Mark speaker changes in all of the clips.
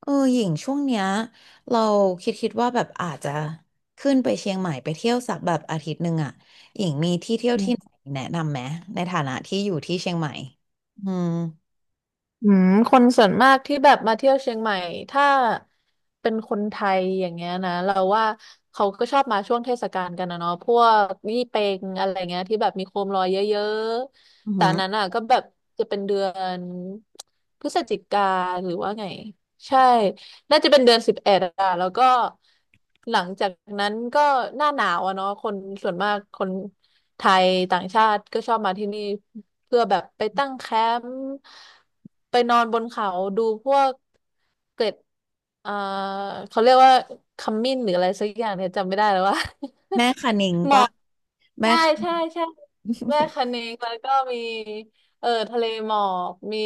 Speaker 1: หญิงช่วงเนี้ยเราคิดว่าแบบอาจจะขึ้นไปเชียงใหม่ไปเที่ยวสักแบบอาทิตย์หนึ่งอ่ะหญิงมีที่เที่ยว
Speaker 2: อื
Speaker 1: ที่ไหนแนะนำไหมในฐานะที่อยู่ที่เชียงใหม่อืม
Speaker 2: คนส่วนมากที่แบบมาเที่ยวเชียงใหม่ถ้าเป็นคนไทยอย่างเงี้ยนะเราว่าเขาก็ชอบมาช่วงเทศกาลกันนะเนาะพวกยี่เป็งอะไรเงี้ยที่แบบมีโคมลอยเยอะ
Speaker 1: อือ
Speaker 2: ๆแต่
Speaker 1: หื
Speaker 2: อั
Speaker 1: อ
Speaker 2: นนั้นอ่ะก็แบบจะเป็นเดือนพฤศจิกาหรือว่าไงใช่ น่าจะเป็นเดือน11อะแล้วก็หลังจากนั้นก็หน้าหนาวอะเนาะคนส่วนมากคนไทยต่างชาติก็ชอบมาที่นี่เพื่อแบบไปตั้งแคมป์ไปนอนบนเขาดูพวกเกล็ดเอ่อเขาเรียกว่าขมิ้นหรืออะไรสักอย่างเนี่ยจำไม่ได้แล้วว่า
Speaker 1: แม่คะนิง
Speaker 2: หมอ
Speaker 1: ปะ
Speaker 2: ก
Speaker 1: แม่
Speaker 2: ใช่
Speaker 1: คะ
Speaker 2: ใช่ใช่แม่คะเนงแล้วก็มีเออทะเลหมอกมี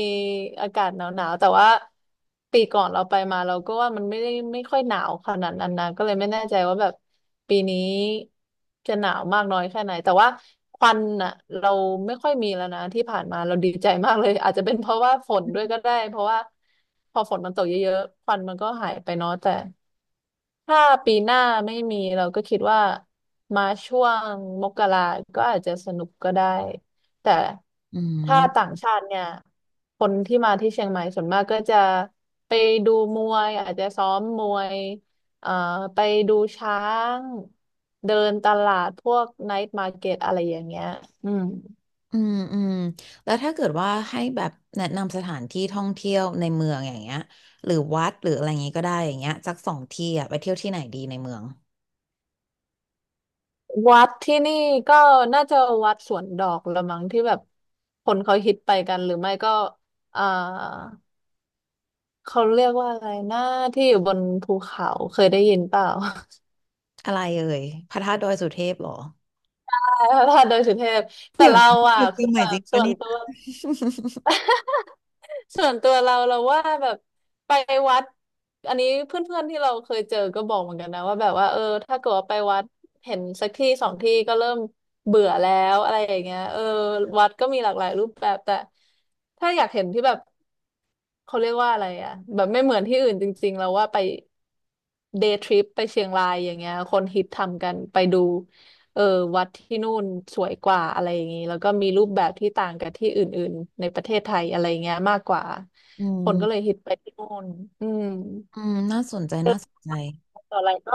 Speaker 2: อากาศหนาวๆแต่ว่าปีก่อนเราไปมาเราก็ว่ามันไม่ได้ไม่ค่อยหนาวขนาดนั้นนะก็เลยไม่แน่ใจว่าแบบปีนี้จะหนาวมากน้อยแค่ไหนแต่ว่าควันอ่ะเราไม่ค่อยมีแล้วนะที่ผ่านมาเราดีใจมากเลยอาจจะเป็นเพราะว่าฝนด้วยก็ได้เพราะว่าพอฝนมันตกเยอะๆควันมันก็หายไปเนาะแต่ ถ้าปีหน้าไม่มีเราก็คิดว่ามาช่วงมกราก็อาจจะสนุกก็ได้ แต่
Speaker 1: อื
Speaker 2: ถ้า
Speaker 1: ม
Speaker 2: ต่างชาติเนี่ย คนที่มาที่เชียงใหม่ส่วนมากก็จะไปดูมวยอาจจะซ้อมมวยเอ่อไปดูช้างเดินตลาดพวกไนท์มาร์เก็ตอะไรอย่างเงี้ยอืม
Speaker 1: อืมอืมแล้วถ้าเกิดว่าให้แบบแนะนำสถานที่ท่องเที่ยวในเมืองอย่างเงี้ยหรือวัดหรืออะไรอย่างงี้ก็ได้อย่างเงี้ยสักสองที่อ่ะไปเที่ยวที่ไหนดีในเมือง
Speaker 2: วัดที่นี่ก็น่าจะวัดสวนดอกละมั้งที่แบบคนเขาฮิตไปกันหรือไม่ก็เอ่า เขาเรียกว่าอะไรนะที่อยู่บนภูเขาเคยได้ยินเปล่า
Speaker 1: อะไรเอ่ยพระธาตุดอยสุเทพเหรอ
Speaker 2: พระธา ตุดอยสุเทพแต่
Speaker 1: เดี๋ยว
Speaker 2: เรา
Speaker 1: นะอ
Speaker 2: อ่ะ
Speaker 1: ยู่เชี
Speaker 2: คื
Speaker 1: ยง
Speaker 2: อ
Speaker 1: ให
Speaker 2: แบ
Speaker 1: ม่จริ
Speaker 2: บ
Speaker 1: ง
Speaker 2: ส่
Speaker 1: ปะ
Speaker 2: วน
Speaker 1: เนี่ย
Speaker 2: ตัวส่วนตัวเราเราว่าแบบไปวัดอันนี้เพื่อนๆที่เราเคยเจอก็บอกเหมือนกันนะว่าแบบว่าเออถ้าเกิดว่าไปวัดเห็นสักที่สองที่ก็เริ่มเบื่อแล้วอะไรอย่างเงี้ยเออวัดก็มีหลากหลายรูปแบบแต่ถ้าอยากเห็นที่แบบ เขาเรียกว่าอะไรอ่ะแบบไม่เหมือนที่อื่นจริงๆแล้วว่าไปเดย์ทริปไปเชียงรายอย่างเงี้ยคนฮิตทำกันไปดูเออวัดที่นู่นสวยกว่าอะไรอย่างงี้แล้วก็มีรูปแบบที่ต่างกับที่อื่นๆในประเทศไทยอะไรเงี้ยมากกว่า
Speaker 1: อื
Speaker 2: คนก็เลย
Speaker 1: ม
Speaker 2: ฮิตไปที่นู่นอืม
Speaker 1: อืมน่าสนใจ
Speaker 2: เดิ
Speaker 1: น่า
Speaker 2: น
Speaker 1: สนใจ
Speaker 2: ต่ออะไรก็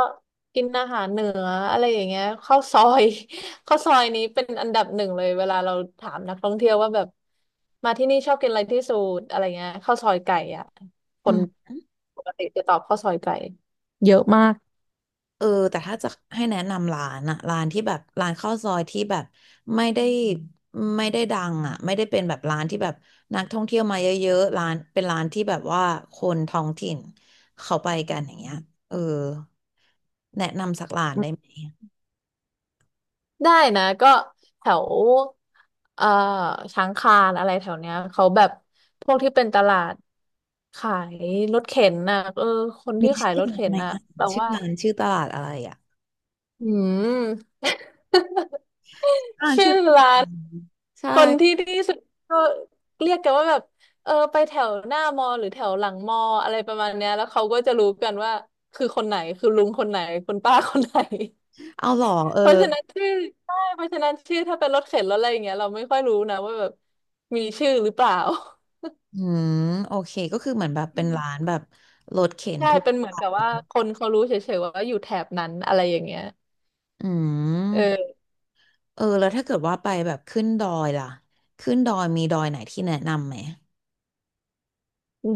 Speaker 2: กินอาหารเหนืออะไรอย่างเงี้ยข้าวซอย ข้าวซอยนี้เป็นอันดับหนึ่งเลยเวลาเราถามนักท่องเที่ยวว่าแบบมาที่นี่ชอบกินอะไรที่สุดอะไรเงี้ยข้าวซอยไก่อ่ะค
Speaker 1: อื
Speaker 2: น
Speaker 1: ม
Speaker 2: ปกติจะตอบข้าวซอยไก่เยอะมาก
Speaker 1: เออแต่ถ้าจะให้แนะนำร้านอะร้านที่แบบร้านข้าวซอยที่แบบไม่ได้ไม่ได้ดังอะไม่ได้เป็นแบบร้านที่แบบนักท่องเที่ยวมาเยอะๆร้านเป็นร้านที่แบบว่าคนท้องถิ่นเขาไปกันอย่างเงี้ยเออแนะนำสักร้านได้ไหม
Speaker 2: ได้นะก็แถวเอ่อช้างคานอะไรแถวเนี้ยเขาแบบพวกที่เป็นตลาดขายรถเข็นน่ะเออคน
Speaker 1: มี
Speaker 2: ที่ขาย
Speaker 1: ชื่
Speaker 2: ร
Speaker 1: อ
Speaker 2: ถ
Speaker 1: ร้าน
Speaker 2: เข็
Speaker 1: ไห
Speaker 2: น
Speaker 1: ม
Speaker 2: น่ะ
Speaker 1: นะ
Speaker 2: แรา
Speaker 1: ชื่อ
Speaker 2: ว่า
Speaker 1: ร้านชื่อตลาดอะไรอะ
Speaker 2: อืม
Speaker 1: อ่า
Speaker 2: ชื่
Speaker 1: ชื่
Speaker 2: อ
Speaker 1: อตลาด
Speaker 2: ร้า
Speaker 1: อื
Speaker 2: น
Speaker 1: มใช่
Speaker 2: คนที่ที่สุดก็เรียกกันว่าแบบเออไปแถวหน้ามอหรือแถวหลังมออะไรประมาณเนี้ยแล้วเขาก็จะรู้กันว่าคือคนไหนคือลุงคนไหนคุณป้าคนไหน
Speaker 1: เอาเหรอเออ
Speaker 2: เพราะฉะนั้นชื่อใช่เพราะฉะนั้นชื่อถ้าเป็นรถเข็นรถอะไรอย่างเงี้ยเราไม่ค่อยรู้นะว่าแบบมีชื่อหรือเปล่า
Speaker 1: อืมโอเคก็คือเหมือนแบบ
Speaker 2: อื
Speaker 1: เป็นร้าน
Speaker 2: ม
Speaker 1: แบบรถเข็น
Speaker 2: ใช่
Speaker 1: ทั่ว
Speaker 2: เป็นเหมื
Speaker 1: ไป
Speaker 2: อนกับว่าคนเขารู้เฉยๆว่าอยู่แถบนั้นอะไรอย่างเงี้ย
Speaker 1: อืม
Speaker 2: เออ
Speaker 1: เออแล้วถ้าเกิดว่าไปแบบขึ้นดอยล่ะขึ้นดอยมีดอยไหนที่แนะนำไหม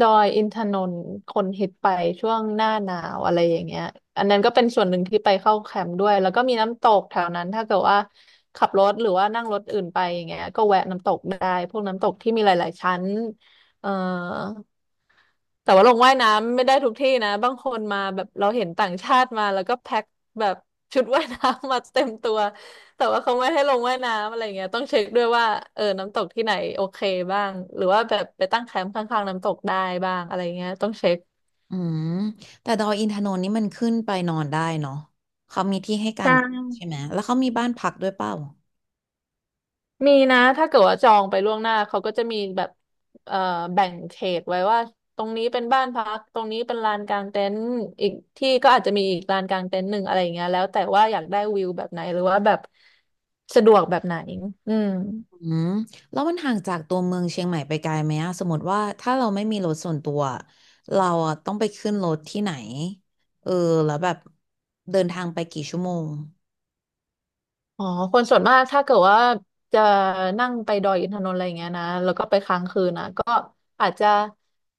Speaker 2: ดอยอินทนนท์คนฮิตไปช่วงหน้าหนาวอะไรอย่างเงี้ยอันนั้นก็เป็นส่วนหนึ่งที่ไปเข้าแคมป์ด้วยแล้วก็มีน้ำตกแถวนั้นถ้าเกิดว่าขับรถหรือว่านั่งรถอื่นไปอย่างเงี้ยก็แวะน้ำตกได้พวกน้ำตกที่มีหลายๆชั้นเอ่อ แต่ว่าลงว่ายน้ำไม่ได้ทุกที่นะบางคนมาแบบเราเห็นต่างชาติมาแล้วก็แพ็คแบบชุดว่ายน้ำมาเต็มตัวแต่ว่าเขาไม่ให้ลงว่ายน้ำอะไรเงี้ยต้องเช็คด้วยว่าเออน้ำตกที่ไหนโอเคบ้างหรือว่าแบบไปตั้งแคมป์ข้างๆน้ำตกได้บ้างอะไรเงี้ยต้องเช็ค
Speaker 1: อืมแต่ดอยอินทนนท์นี่มันขึ้นไปนอนได้เนาะเขามีที่ให้กา
Speaker 2: ใช่
Speaker 1: งใช่ไหมแล้วเขามีบ้านพักด้วยเปล่า
Speaker 2: มีนะถ้าเกิดว่าจองไปล่วงหน้าเขาก็จะมีแบบเอ่อแบ่งเขตไว้ว่าตรงนี้เป็นบ้านพักตรงนี้เป็นลานกางเต็นท์อีกที่ก็อาจจะมีอีกลานกางเต็นท์หนึ่งอะไรอย่างเงี้ยแล้วแต่ว่าอยากได้วิวแบบไหนหรือว่าแบบสะดวกแบบไหนอืม
Speaker 1: อืมแล้วมันห่างจากตัวเมืองเชียงใหม่ไปไกลไหมอะสมมติว่าถ้าเราไม่มีรถส่วนตัวเราอะต้องไปขึ้นรถที่ไหนเออแล้วแบบเดินทางไปกี่ชั่วโมง
Speaker 2: อ๋อคนส่วนมากถ้าเกิดว่าจะนั่งไปดอยอินทนนท์อะไรอย่างเงี้ยนะแล้วก็ไปค้างคืนนะก็อาจจะ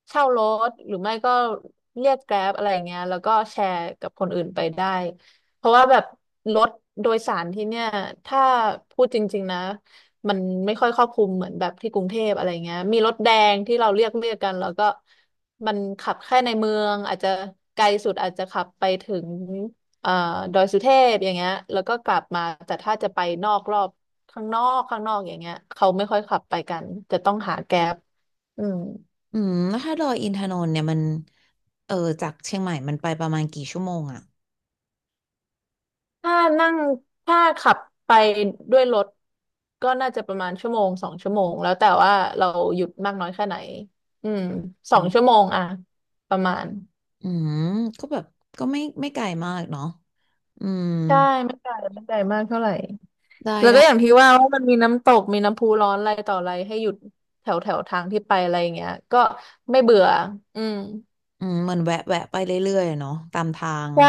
Speaker 2: เช่ารถหรือไม่ก็เรียกแกร็บอะไรอย่างเงี้ยแล้วก็แชร์กับคนอื่นไปได้เพราะว่าแบบรถโดยสารที่เนี่ยถ้าพูดจริงๆนะมันไม่ค่อยครอบคลุมเหมือนแบบที่กรุงเทพอะไรเงี้ยมีรถแดงที่เราเรียกกันแล้วก็มันขับแค่ในเมืองอาจจะไกลสุดอาจจะขับไปถึง เอ่อดอยสุเทพอย่างเงี้ยแล้วก็กลับมาแต่ถ้าจะไปนอกรอบข้างนอกข้างนอกอย่างเงี้ยเขาไม่ค่อยขับไปกันจะต้องหาแก๊ปอืม
Speaker 1: อืมแล้วถ้าดอยอินทนนท์เนี่ยมันเออจากเชียงใหม่มันไปประมาณกี่ชั่วโมงอะ
Speaker 2: ถ้านั่งถ้าขับไปด้วยรถก็น่าจะประมาณ1-2 ชั่วโมงแล้วแต่ว่าเราหยุดมากน้อยแค่ไหนอืมสองชั่วโมงอะประมาณ
Speaker 1: อืมก็แบบก็ไม่ไกลมากเนาะอืม
Speaker 2: ใช่ไม่ไกลไม่ไกลมากเท่าไหร่
Speaker 1: ได้
Speaker 2: แล้วก็
Speaker 1: ได้
Speaker 2: อย่างที่ว่าว่ามันมีน้ำตกมีน้ำพุร้อนอะไรต่ออะไรให้หยุดแถวแถวทางที่ไปอะไรอย่างเงี้ยก็ไม่เบื่ออืม
Speaker 1: อืมเหมือนแวะแวะไปเรื่อยๆเนาะตามทาง
Speaker 2: ใช่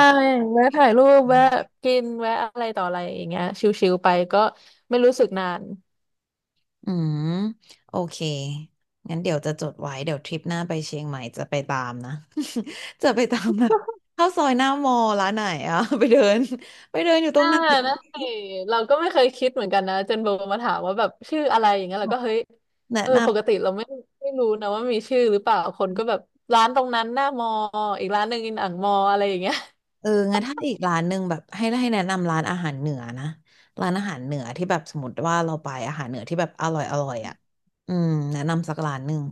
Speaker 2: แวะถ่ายรูปแวะกินแวะอะไรต่ออะไรอย่างเงี้ยชิลๆไปก็ไม่รู้สึกนาน
Speaker 1: อืมโอเคงั้นเดี๋ยวจะจดไว้เดี๋ยวทริปหน้าไปเชียงใหม่จะไปตามนะ จะไปตามแบบเข้าซอยหน้ามอลร้านไหนอะ ไปเดินอยู่ตร
Speaker 2: อ่า
Speaker 1: งไหน
Speaker 2: นะสิเราก็ไม่เคยคิดเหมือนกันนะจนโบมาถามว่าแบบชื่ออะไรอย่างเงี้ยเราก็เฮ้ย
Speaker 1: แนะ
Speaker 2: เออ
Speaker 1: น
Speaker 2: ปกติเราไม่ไม่รู้นะว่ามีชื่อหรือเปล่าคนก็แบบร้านตรงนั้นหน้ามออีกร้านหนึ่งอินอ่างมออะไรอย่างเงี้ย
Speaker 1: ำเอองั้นถ้าอีกร้านหนึ่งแบบให้แนะนำร้านอาหารเหนือนะร้านอาหารเหนือที่แบบสมมติว่าเราไปอาหารเหนือที่แบบอร่อยอร่อยอ่ะอืมแนะนำสักร้านหนึ่ง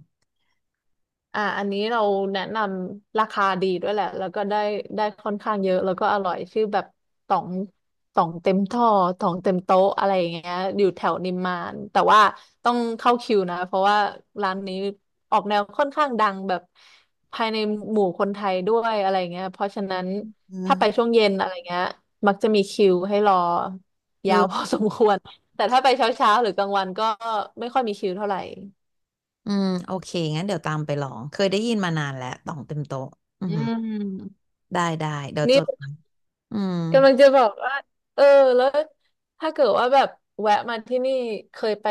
Speaker 2: อันนี้เราแนะนำราคาดีด้วยแหละแล้วก็ได้ค่อนข้างเยอะแล้วก็อร่อยชื่อแบบต่องต่องเต็มท่อต่องเต็มโต๊ะอะไรอย่างเงี้ยอยู่แถวนิมมานแต่ว่าต้องเข้าคิวนะเพราะว่าร้านนี้ออกแนวค่อนข้างดังแบบภายในหมู่คนไทยด้วยอะไรเงี้ยเพราะฉะนั้น
Speaker 1: เ
Speaker 2: ถ้าไป
Speaker 1: ออ
Speaker 2: ช่วงเย็นอะไรเงี้ยมักจะมีคิวให้รอ
Speaker 1: เอ
Speaker 2: ยาว
Speaker 1: อ
Speaker 2: พอสมควร แต่ถ้าไปเช้าๆหรือกลางวันก็ไม่ค่อยมีคิวเท่าไหร่
Speaker 1: อืมโอเคงั้นเดี๋ยวตามไปลองเคยได้ยินมานานแล้วต่องเต็มโต๊ะอือ
Speaker 2: อื
Speaker 1: หือ
Speaker 2: ม
Speaker 1: ได้ได้เดี๋ยว
Speaker 2: นี่
Speaker 1: จดอืม
Speaker 2: กำลังจะบอกว่าเออแล้วถ้าเกิดว่าแบบแวะมาที่นี่เคยไป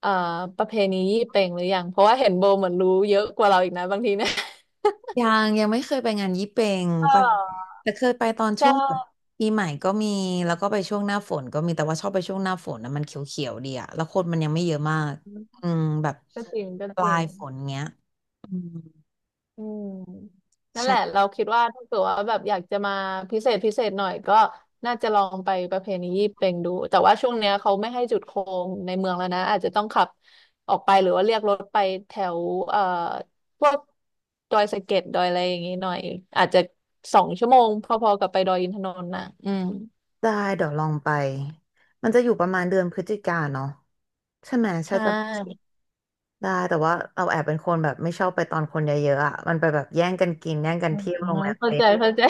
Speaker 2: เอ่อประเพณียี่เป็งหรือยังเพราะว่าเห็นโบเหมือนรู้เยอะกว่าเราอีกนะบางทีเนี่ย
Speaker 1: ยังไม่เคยไปงานยี่เป็ง ไป
Speaker 2: เออ
Speaker 1: แต่เคยไปตอนช่
Speaker 2: ใช่
Speaker 1: วงแบบปีใหม่ก็มีแล้วก็ไปช่วงหน้าฝนก็มีแต่ว่าชอบไปช่วงหน้าฝนนะมันเขียวๆดีอะแล้วคนมันยังไม่เยอะมากอืมแบบ
Speaker 2: ก็จริงก็
Speaker 1: ป
Speaker 2: จ
Speaker 1: ลา
Speaker 2: ริง
Speaker 1: ยฝนเงี้ยอืม
Speaker 2: อืมนั่นแหละ
Speaker 1: ใช่
Speaker 2: เราคิดว่าถ้าเกิดว่าแบบอยากจะมาพิเศษพิเศษหน่อยก็น่าจะลองไปประเพณียี่เป่งดูแต่ว่าช่วงเนี้ยเขาไม่ให้จุดโคมในเมืองแล้วนะอาจจะต้องขับออกไปหรือว่าเรียกรถไปแถวเอ่อพวกดอยสะเก็ดดอยอะไรอย่างงี้หน่อยอาจจะสองชั่วโมงพอๆกับไปดอยอินทนนท์นะอืม
Speaker 1: ได้เดี๋ยวลองไปมันจะอยู่ประมาณเดือนพฤศจิกาเนาะใช่ไหม
Speaker 2: ใช
Speaker 1: ใช่จะ
Speaker 2: ่
Speaker 1: ได้แต่ว่าเราแอบเป็นคนแบบไม่ชอบไปตอนคนเยอะๆอ่ะมันไปแบบแย่งกันกินแย่งกัน
Speaker 2: อื
Speaker 1: เที่ยวโรงแร
Speaker 2: ม
Speaker 1: ม
Speaker 2: เข้า
Speaker 1: เต็
Speaker 2: ใจ
Speaker 1: ม
Speaker 2: เข้าใจ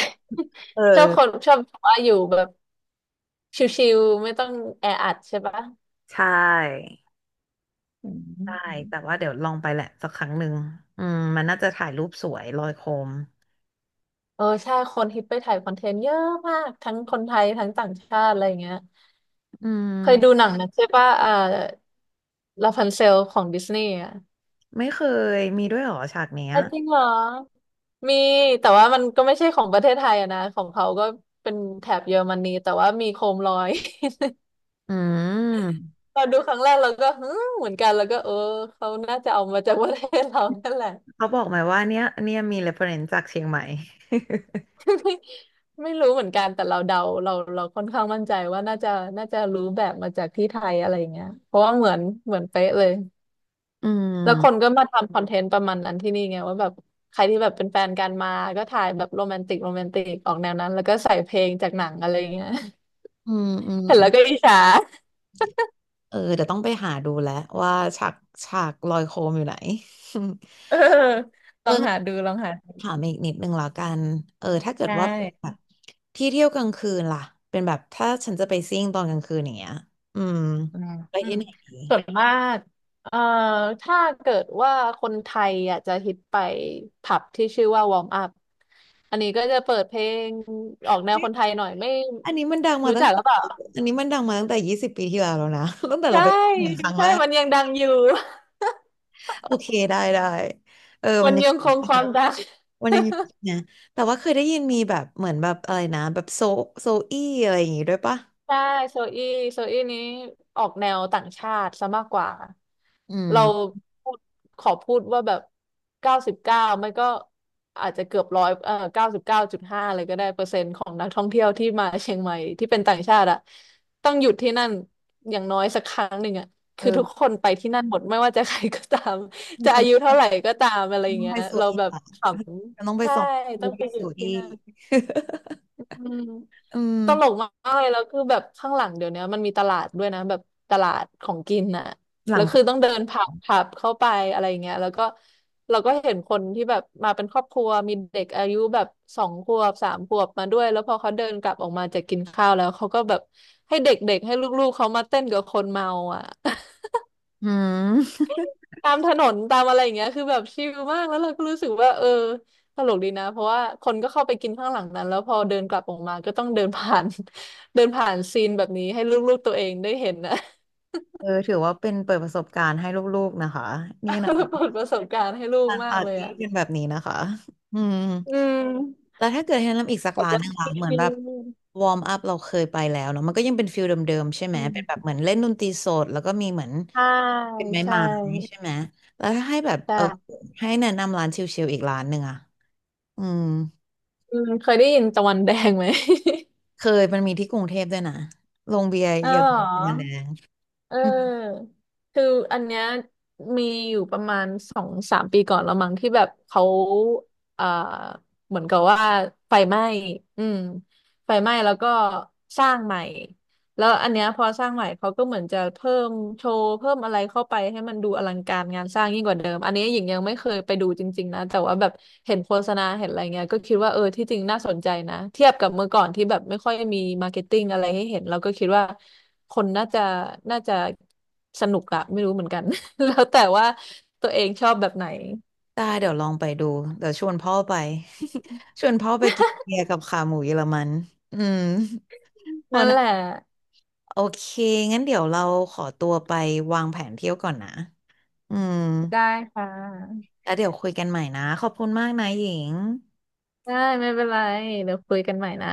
Speaker 1: เออ
Speaker 2: ชอบคนชอบว่าอยู่แบบชิวๆไม่ต้องแออัดใช่ปะ
Speaker 1: ใช่
Speaker 2: อื
Speaker 1: ได้แต่
Speaker 2: ม
Speaker 1: ว่าเดี๋ยวลองไปแหละสักครั้งหนึ่งอืมมันน่าจะถ่ายรูปสวยลอยโคม
Speaker 2: เออใช่คนฮิตไปถ่ายคอนเทนต์เยอะมากทั้งคนไทยทั้งต่างชาติอะไรอย่างเงี้ย
Speaker 1: อื
Speaker 2: เคยดูห
Speaker 1: ม
Speaker 2: นังนะใช่ป่ะลาพันเซลของดิสนีย์อ่ะ
Speaker 1: ไม่เคยมีด้วยเหรอฉากเนี้ย
Speaker 2: อ่ะจริงเหรอมีแต่ว่ามันก็ไม่ใช่ของประเทศไทยอะนะของเขาก็เป็นแถบเยอรมนีแต่ว่ามีโคมลอย
Speaker 1: อืม
Speaker 2: เราดูครั้งแรกเราก็ฮึมเหมือนกันแล้วก็เออเขาน่าจะเอามาจากประเทศเรานั่นแหละ
Speaker 1: เขาบอกไหมว่าเนี้ยเนี่ยมี reference จากเชียงใหม่
Speaker 2: ไม่ ไม่รู้เหมือนกันแต่เราเดาเราเราค่อนข้างมั่นใจว่าน่าจะรู้แบบมาจากที่ไทยอะไรอย่างเงี้ยเพราะว่าเหมือนเป๊ะเลย
Speaker 1: อื
Speaker 2: แล้วคน
Speaker 1: ม
Speaker 2: ก็มาทำคอนเทนต์ประมาณนั้นที่นี่ไงว่าแบบใครที่แบบเป็นแฟนกันมา ก็ถ่ายแบบโรแมนติกโรแมนติกออกแนวนั้นแล้วก็ใส่เพลงจากหนังอะไรอย่างเงี้ย
Speaker 1: อืมอืม
Speaker 2: เห็น
Speaker 1: อื
Speaker 2: แล้
Speaker 1: ม
Speaker 2: วก็อิจฉา
Speaker 1: เออเดี๋ยวต้องไปหาดูแล้วว่าฉากฉากลอยโคมอยู่ไหน
Speaker 2: เออล
Speaker 1: เอ
Speaker 2: อ
Speaker 1: อ
Speaker 2: งหาดูลองหาดู
Speaker 1: ถามอีกนิดนึงแล้วกันเออถ้าเกิ
Speaker 2: ใช
Speaker 1: ดว่าแบ
Speaker 2: ่
Speaker 1: บที่เที่ยวกลางคืนล่ะเป็นแบบถ้าฉันจะไปซิ่งตอนกลางคืนอย่างเงี้ยอืม
Speaker 2: อืม
Speaker 1: ไป
Speaker 2: อื
Speaker 1: ที่
Speaker 2: ม
Speaker 1: ไหนดี
Speaker 2: ส่วนมากเอ่อถ้าเกิดว่าคนไทยอ่ะจะฮิตไปผับที่ชื่อว่าวอร์มอัพอันนี้ก็จะเปิดเพลงออกแนวคนไทยหน่อยไม่
Speaker 1: อันนี้มันดังมา
Speaker 2: รู้
Speaker 1: ตั้
Speaker 2: จั
Speaker 1: ง
Speaker 2: กห
Speaker 1: แต่
Speaker 2: รือเปล่า
Speaker 1: อันนี้มันดังมาตั้งแต่20 ปีที่แล้วแล้วนะ ตั้งแต่เรา
Speaker 2: ใช่
Speaker 1: ไปครั้ง
Speaker 2: ใช่
Speaker 1: แรก
Speaker 2: มันยังดังอยู่
Speaker 1: โอเคได้ได้เออมั
Speaker 2: มั
Speaker 1: น
Speaker 2: น
Speaker 1: ยัง
Speaker 2: ยัง
Speaker 1: อยู่
Speaker 2: คง
Speaker 1: ที่
Speaker 2: ควา
Speaker 1: นั้
Speaker 2: ม
Speaker 1: น
Speaker 2: ดัง
Speaker 1: มันยังอยู่ที่ นะแต่ว่าเคยได้ยินมีแบบเหมือนแบบอะไรนะแบบโซโซอี้อะไรอย่างงี้ด้วยปะ
Speaker 2: ใช่โซอี้โซอี้นี้ออกแนวต่างชาติซะมากกว่า
Speaker 1: อื
Speaker 2: เรา
Speaker 1: ม
Speaker 2: พูดขอพูดว่าแบบเก้าสิบเก้าไม่ก็อาจจะเกือบร้อย99.5เลยก็ได้เปอร์เซ็นต์ของนักท่องเที่ยวที่มาเชียงใหม่ที่เป็นต่างชาติอะต้องหยุดที่นั่นอย่างน้อยสักครั้งหนึ่งอะคือทุก
Speaker 1: เออ
Speaker 2: คนไปที่นั่นหมดไม่ว่าจะใครก็ตาม
Speaker 1: มัน
Speaker 2: จะ
Speaker 1: ส
Speaker 2: อา
Speaker 1: นุก
Speaker 2: ยุเท่าไหร่ก็ตามอะไรอย่าง
Speaker 1: น้อง
Speaker 2: เงี้
Speaker 1: ไป
Speaker 2: ย
Speaker 1: สู่
Speaker 2: เรา
Speaker 1: ที่
Speaker 2: แบบ
Speaker 1: เหรอ
Speaker 2: ข
Speaker 1: น้อง
Speaker 2: ำ
Speaker 1: ไป
Speaker 2: ใช่
Speaker 1: ส่ง
Speaker 2: ต้อง
Speaker 1: ไป
Speaker 2: ไปหยุด
Speaker 1: สู่
Speaker 2: ที่
Speaker 1: ที่
Speaker 2: นั่น อืม
Speaker 1: อืม
Speaker 2: ตลกมากเลยแล้วคือแบบข้างหลังเดี๋ยวนี้มันมีตลาดด้วยนะแบบตลาดของกินน่ะ
Speaker 1: หลั
Speaker 2: แล้
Speaker 1: ง
Speaker 2: ว
Speaker 1: ส
Speaker 2: คื
Speaker 1: อ
Speaker 2: อต้องเดินผับ
Speaker 1: ง
Speaker 2: ผับเข้าไปอะไรเงี้ยแล้วก็เราก็เห็นคนที่แบบมาเป็นครอบครัวมีเด็กอายุแบบ2-3 ขวบมาด้วยแล้วพอเขาเดินกลับออกมาจากกินข้าวแล้วเขาก็แบบให้เด็กๆให้ลูกๆเขามาเต้นกับคนเมาอ่ะ
Speaker 1: อืม
Speaker 2: ตามถนนตามอะไรอย่างเงี้ยคือแบบชิลมากแล้วเราก็รู้สึกว่าเออตลกดีนะเพราะว่าคนก็เข้าไปกินข้างหลังนั้นแล้วพอเดินกลับออกมาก็ต้องเดินผ่าน เดินผ่านซีนแบบนี้ให้ลูกๆตัวเองได้เห็นนะ
Speaker 1: เออถือว่าเป็นเปิดประสบการณ์ให้ลูกๆนะคะนี่นะแบบ
Speaker 2: เปิดประสบการณ์ให้ลูก
Speaker 1: การ
Speaker 2: มา
Speaker 1: ปา
Speaker 2: ก
Speaker 1: ร์
Speaker 2: เลย
Speaker 1: ตี้
Speaker 2: อ่ะ
Speaker 1: เป็นแบบนี้นะคะอืม
Speaker 2: อืม
Speaker 1: แล้วถ้าเกิดให้แนะนำอีกสัก
Speaker 2: แบบ
Speaker 1: ร้าน
Speaker 2: ว่า
Speaker 1: หนึงล่ะ
Speaker 2: ชิ
Speaker 1: เหมือนแบบ
Speaker 2: ล
Speaker 1: วอร์มอัพเราเคยไปแล้วเนาะมันก็ยังเป็นฟิลเดิมๆใช่
Speaker 2: ๆ
Speaker 1: ไห
Speaker 2: อื
Speaker 1: ม
Speaker 2: ม
Speaker 1: เป็นแบบเหมือนเล่นดนตรีสดแล้วก็มีเหมือน
Speaker 2: ใช่
Speaker 1: เป็นไม้
Speaker 2: ใช่
Speaker 1: ไม้ใช่ไหมแล้วถ้าให้แบบ
Speaker 2: ใ
Speaker 1: เออ
Speaker 2: ช่
Speaker 1: ให้แนะนำร้านชิลๆอีกร้านหนึ่งอะอืม
Speaker 2: อืมเคยได้ยินตะวันแดงไหม
Speaker 1: เคยมันมีที่กรุงเทพด้วยนะโรงเบียร์
Speaker 2: อ๋
Speaker 1: เยอรมัน
Speaker 2: อ
Speaker 1: แดง
Speaker 2: เ
Speaker 1: อืม
Speaker 2: ออคืออันเนี้ยมีอยู่ประมาณ2-3 ปีก่อนแล้วมั้งที่แบบเขาอ่าเหมือนกับว่าไฟไหม้อืมไฟไหม้แล้วก็สร้างใหม่แล้วอันเนี้ยพอสร้างใหม่เขาก็เหมือนจะเพิ่มโชว์เพิ่มอะไรเข้าไปให้มันดูอลังการงานสร้างยิ่งกว่าเดิมอันนี้หญิงยังไม่เคยไปดูจริงๆนะแต่ว่าแบบเห็นโฆษณาเห็นอะไรเงี้ยก็คิดว่าเออที่จริงน่าสนใจนะเทียบกับเมื่อก่อนที่แบบไม่ค่อยมีมาร์เก็ตติ้งอะไรให้เห็นเราก็คิดว่า คนน่าจะสนุกอะไม่รู้เหมือนกัน แล้วแต่ว่าตัวเองชอบแบบไหน
Speaker 1: ได้เดี๋ยวลองไปดูเดี๋ยวชวนพ่อไป ชวนพ่อไปกินเบียร์กับขาหมูเยอรมัน อืมพอ
Speaker 2: นั่นแห
Speaker 1: นะ
Speaker 2: ละ
Speaker 1: โอเค งั้นเดี๋ยวเราขอตัวไปวางแผนเที่ยวก่อนนะ อืม
Speaker 2: ได้ค่ะ
Speaker 1: แล้วเดี๋ยวคุยกันใหม่นะ ขอบคุณมากนะหญิง
Speaker 2: ได้ไม่เป็นไรเดี๋ยวคุยกันใหม่นะ